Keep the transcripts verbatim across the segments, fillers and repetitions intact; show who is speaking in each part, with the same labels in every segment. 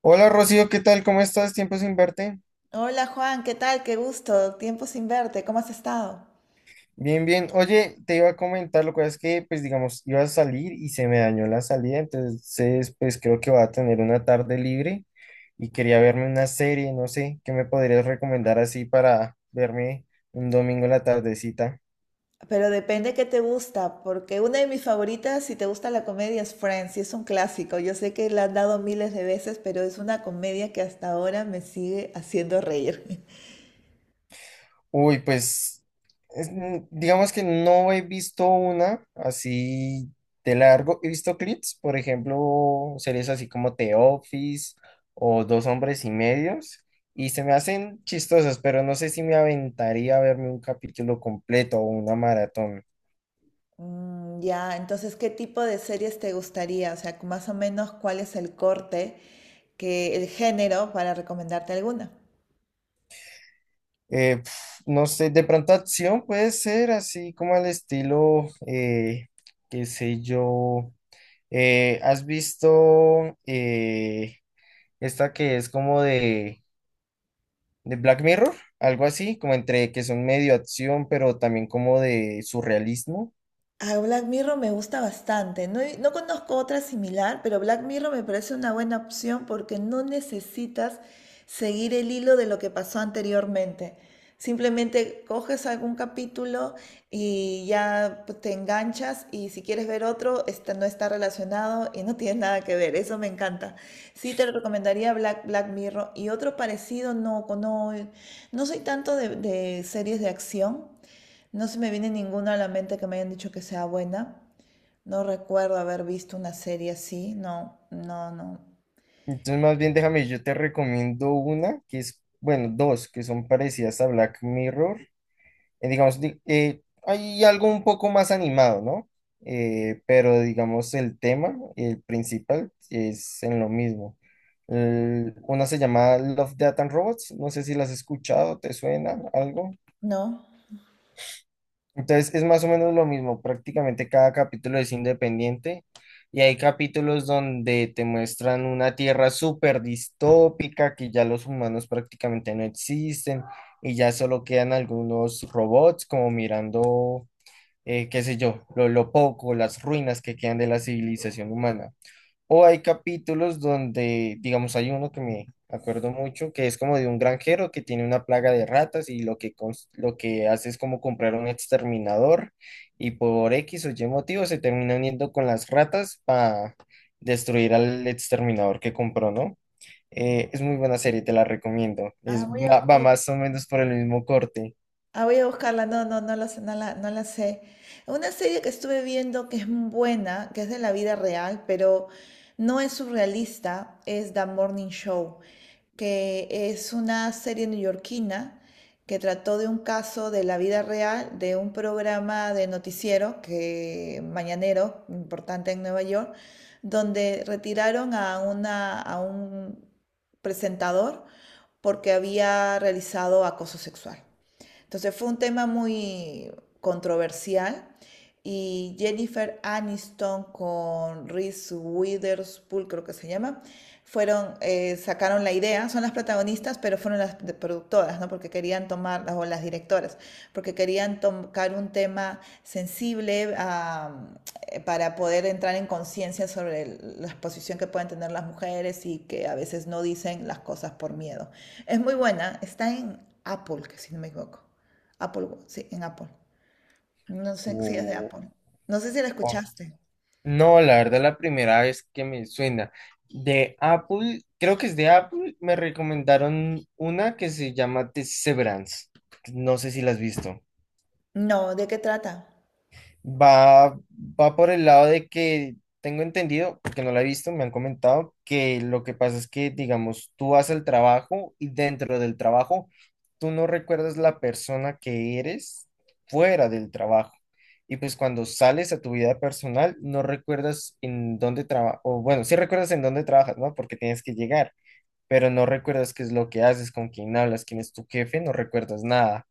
Speaker 1: Hola Rocío, ¿qué tal? ¿Cómo estás? Tiempo sin verte.
Speaker 2: Hola Juan, ¿qué tal? Qué gusto. Tiempo sin verte. ¿Cómo has estado?
Speaker 1: Bien, bien. Oye, te iba a comentar, lo que es que, pues digamos, iba a salir y se me dañó la salida, entonces, pues creo que voy a tener una tarde libre y quería verme una serie, no sé, ¿qué me podrías recomendar así para verme un domingo en la tardecita?
Speaker 2: Pero depende qué te gusta, porque una de mis favoritas, si te gusta la comedia, es Friends, y es un clásico. Yo sé que la han dado miles de veces, pero es una comedia que hasta ahora me sigue haciendo reír.
Speaker 1: Uy, pues es- mm, digamos que no he visto una así de largo. He visto clips, por ejemplo, series así como The Office o Dos Hombres y Medios, y se me hacen chistosas, pero no sé si me aventaría a verme un capítulo completo o una maratón.
Speaker 2: Mm, ya, entonces, ¿qué tipo de series te gustaría? O sea, más o menos, ¿cuál es el corte, que el género para recomendarte alguna?
Speaker 1: Eh, pf, no sé, de pronto acción puede ser así como al estilo, eh, qué sé yo, eh, ¿has visto... eh, esta que es como de, de Black Mirror, algo así, como entre que son medio acción, pero también como de surrealismo.
Speaker 2: Ah, Black Mirror me gusta bastante. No, he- no conozco otra similar, pero Black Mirror me parece una buena opción porque no necesitas seguir el hilo de lo que pasó anteriormente. Simplemente coges algún capítulo y ya pues, te enganchas y si quieres ver otro, este no está relacionado y no tiene nada que ver. Eso me encanta. Sí te lo recomendaría Black, Black Mirror y otro parecido, no, no, no soy tanto de de series de acción. No se me viene ninguna a la mente que me hayan dicho que sea buena. No recuerdo haber visto una serie así. No, no, no.
Speaker 1: Entonces, más bien déjame, yo te recomiendo una que es, bueno, dos que son parecidas a Black Mirror. Eh, digamos, di- eh, hay algo un poco más animado, ¿no? Eh, pero digamos, el tema, el principal, es en lo mismo. El- una se llama Love, Death and Robots. No sé si las has escuchado, ¿te suena algo?
Speaker 2: No.
Speaker 1: Entonces es más o menos lo mismo, prácticamente cada capítulo es independiente y hay capítulos donde te muestran una tierra súper distópica, que ya los humanos prácticamente no existen y ya solo quedan algunos robots como mirando, eh, qué sé yo, lo, lo poco, las ruinas que quedan de la civilización humana. O hay capítulos donde, digamos, hay uno que me acuerdo mucho, que es como de un granjero que tiene una plaga de ratas y lo que, cons- lo que hace es como comprar un exterminador y por X o Y motivo se termina uniendo con las ratas para destruir al exterminador que compró, ¿no? Eh, es muy buena serie, te la recomiendo.
Speaker 2: Ah,
Speaker 1: Es,
Speaker 2: voy a,
Speaker 1: va, va
Speaker 2: voy a-
Speaker 1: más o menos por el mismo corte.
Speaker 2: ah, voy a buscarla. No, no, no la, sé- no la, no la sé. Una serie que estuve viendo que es muy buena, que es de la vida real, pero no es surrealista, es The Morning Show, que es una serie neoyorquina que trató de un caso de la vida real de un programa de noticiero que mañanero importante en Nueva York, donde retiraron a una a un presentador porque había realizado acoso sexual. Entonces fue un tema muy controversial y Jennifer Aniston con Reese Witherspoon, creo que se llama, fueron, eh, sacaron la idea, son las protagonistas, pero fueron las productoras, ¿no? Porque querían tomar, o las directoras, porque querían tocar un tema sensible ah, eh, para poder entrar en conciencia sobre el- la exposición que pueden tener las mujeres y que a veces no dicen las cosas por miedo. Es muy buena, está en Apple, que si no me equivoco. Apple, Watch, sí, en Apple. No sé si es de
Speaker 1: O
Speaker 2: Apple. No sé si la escuchaste.
Speaker 1: no, la verdad, la primera vez que me suena. De Apple, creo que es de Apple, me recomendaron una que se llama Severance. No sé si la has visto.
Speaker 2: No, ¿de qué trata?
Speaker 1: Va, va por el lado de que tengo entendido, porque no la he visto, me han comentado que lo que pasa es que, digamos, tú vas al trabajo y dentro del trabajo tú no recuerdas la persona que eres fuera del trabajo. Y pues cuando sales a tu vida personal, no recuerdas en dónde trabajas, o bueno, sí recuerdas en dónde trabajas, ¿no? Porque tienes que llegar, pero no recuerdas qué es lo que haces, con quién hablas, quién es tu jefe, no recuerdas nada.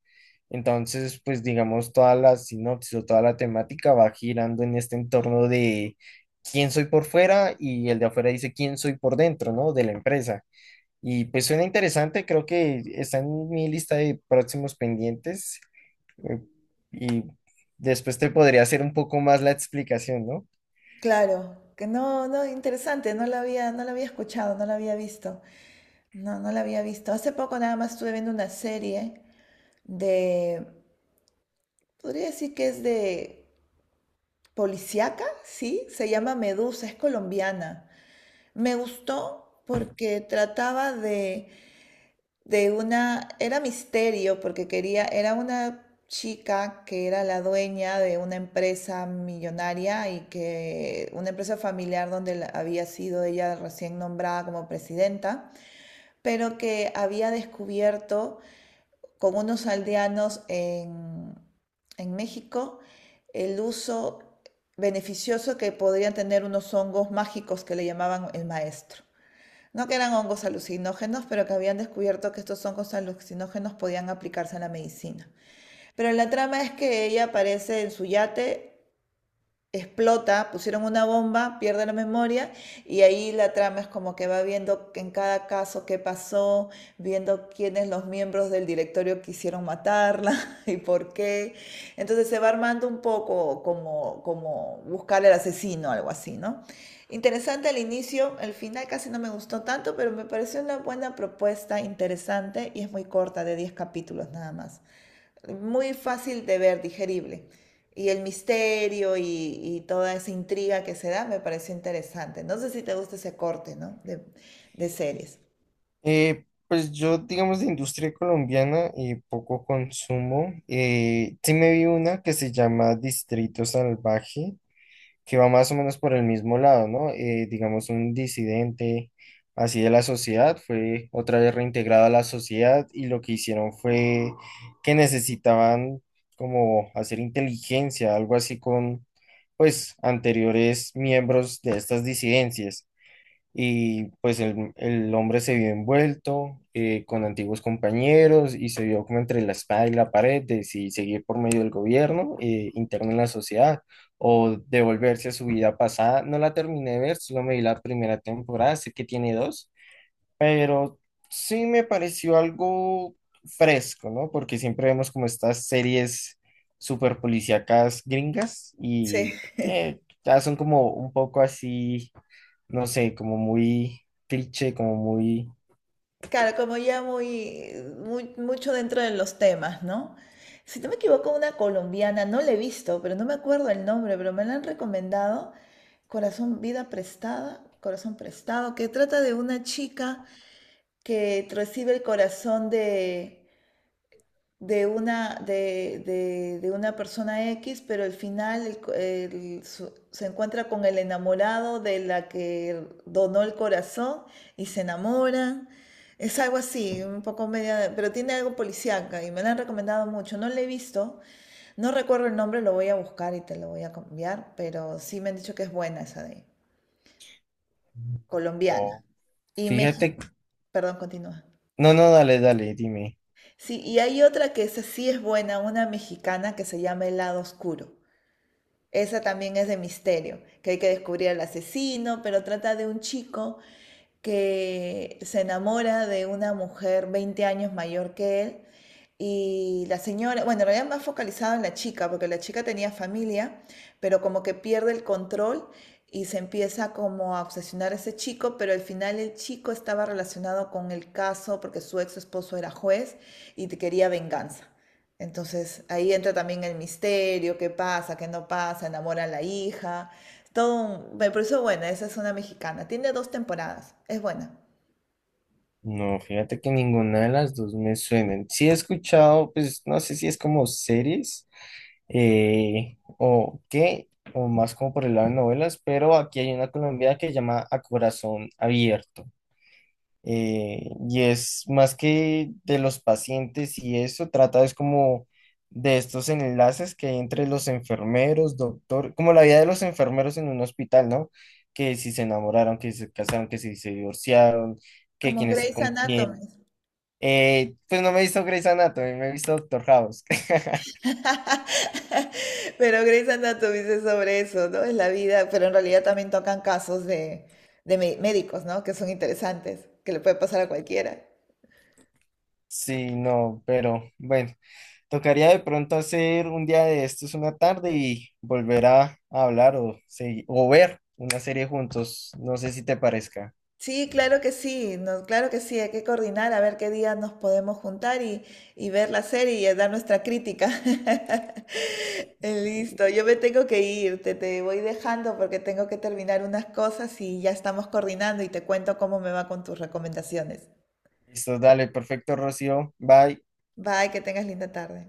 Speaker 1: Entonces, pues digamos, toda la sinopsis o toda la temática va girando en este entorno de quién soy por fuera y el de afuera dice quién soy por dentro, ¿no? De la empresa. Y pues suena interesante, creo que está en mi lista de próximos pendientes eh, y después te podría hacer un poco más la explicación, ¿no?
Speaker 2: Claro, que no, no, interesante, no la había, no la había escuchado, no la había visto. No, no la había visto. Hace poco nada más estuve viendo una serie de, podría decir que es de policíaca, sí, se llama Medusa, es colombiana. Me gustó porque trataba de de una, era misterio porque quería, era una chica que era la dueña de una empresa millonaria y que una empresa familiar donde la- había sido ella recién nombrada como presidenta, pero que había descubierto con unos aldeanos en, en México el uso beneficioso que podrían tener unos hongos mágicos que le llamaban el maestro. No que eran hongos alucinógenos, pero que habían descubierto que estos hongos alucinógenos podían aplicarse a la medicina. Pero la trama es que ella aparece en su yate, explota, pusieron una bomba, pierde la memoria y ahí la trama es como que va viendo en cada caso qué pasó, viendo quiénes los miembros del directorio quisieron matarla y por qué. Entonces se va armando un poco como, como buscar al asesino, algo así, ¿no? Interesante al inicio, el final casi no me gustó tanto, pero me pareció una buena propuesta, interesante y es muy corta, de diez capítulos nada más, muy fácil de ver, digerible. Y el misterio y, y toda esa intriga que se da me pareció interesante. No sé si te gusta ese corte, ¿no? De, de series.
Speaker 1: Eh, pues yo, digamos, de industria colombiana y poco consumo. Eh, sí me vi una que se llama Distrito Salvaje, que va más o menos por el mismo lado, ¿no? Eh, digamos, un disidente así de la sociedad fue otra vez reintegrado a la sociedad y lo que hicieron fue que necesitaban como hacer inteligencia, algo así con, pues, anteriores miembros de estas disidencias y pues el, el hombre se vio envuelto eh, con antiguos compañeros y se vio como entre la espada y la pared de si seguir por medio del gobierno eh, interno en la sociedad o devolverse a su vida pasada. No la terminé de ver, solo me vi la primera temporada, sé que tiene dos, pero sí me pareció algo fresco, ¿no? Porque siempre vemos como estas series super policíacas gringas
Speaker 2: Sí.
Speaker 1: y eh, ya son como un poco así, no sé, como muy cliché, como muy...
Speaker 2: Claro, como ya muy, muy- mucho dentro de los temas, ¿no? Si no me equivoco, una colombiana, no la he visto, pero no me acuerdo el nombre, pero me la han recomendado, Corazón, Vida Prestada, Corazón Prestado, que trata de una chica que recibe el corazón de, de una, de, de- de una persona X, pero al final el co- el su- se encuentra con el enamorado de la que donó el corazón y se enamoran. Es algo así, un poco media, pero tiene algo policíaca y me la han recomendado mucho. No la he visto, no recuerdo el nombre, lo voy a buscar y te lo voy a cambiar, pero sí me han dicho que es buena esa de colombiana.
Speaker 1: no.
Speaker 2: Y México,
Speaker 1: Fíjate,
Speaker 2: perdón, continúa.
Speaker 1: no, no, dale, dale, dime.
Speaker 2: Sí, y hay otra que esa sí es buena, una mexicana que se llama El lado oscuro. Esa también es de misterio, que hay que descubrir al asesino, pero trata de un chico que se enamora de una mujer veinte años mayor que él y la señora, bueno, en realidad más focalizado en la chica, porque la chica tenía familia, pero como que pierde el control y se empieza como a obsesionar a ese chico, pero al final el chico estaba relacionado con el caso porque su ex esposo era juez y te quería venganza. Entonces ahí entra también el misterio, qué pasa, qué no pasa, enamora a la hija, todo un... Me pareció buena, esa es una mexicana, tiene dos temporadas, es buena.
Speaker 1: No, fíjate que ninguna de las dos me suenan. Sí he escuchado, pues no sé si es como series eh, o qué, o más como por el lado de novelas, pero aquí hay una colombiana que se llama A Corazón Abierto. Eh, y es más que de los pacientes y eso, trata es como de estos enlaces que hay entre los enfermeros, doctor, como la vida de los enfermeros en un hospital, ¿no? Que si se enamoraron, que si se casaron, que si se divorciaron, que
Speaker 2: Como
Speaker 1: quién está
Speaker 2: Grey's
Speaker 1: con quién.
Speaker 2: Anatomy.
Speaker 1: Eh, pues no me he visto Grey's Anatomy, me he visto Doctor House.
Speaker 2: Pero Grey's Anatomy es sobre eso, ¿no? Es la vida, pero en realidad también tocan casos de, de mé- médicos, ¿no? Que son interesantes, que le puede pasar a cualquiera.
Speaker 1: Sí, no, pero bueno. Tocaría de pronto hacer un día de estos una tarde y volver a, a hablar o, segui- o ver una serie juntos. No sé si te parezca.
Speaker 2: Sí, claro que sí, no, claro que sí, hay que coordinar a ver qué día nos podemos juntar y, y ver la serie y eh, dar nuestra crítica. Listo, yo me tengo que ir, te, te voy dejando porque tengo que terminar unas cosas y ya estamos coordinando y te cuento cómo me va con tus recomendaciones.
Speaker 1: Listo, dale, perfecto, Rocío. Bye.
Speaker 2: Bye, que tengas linda tarde.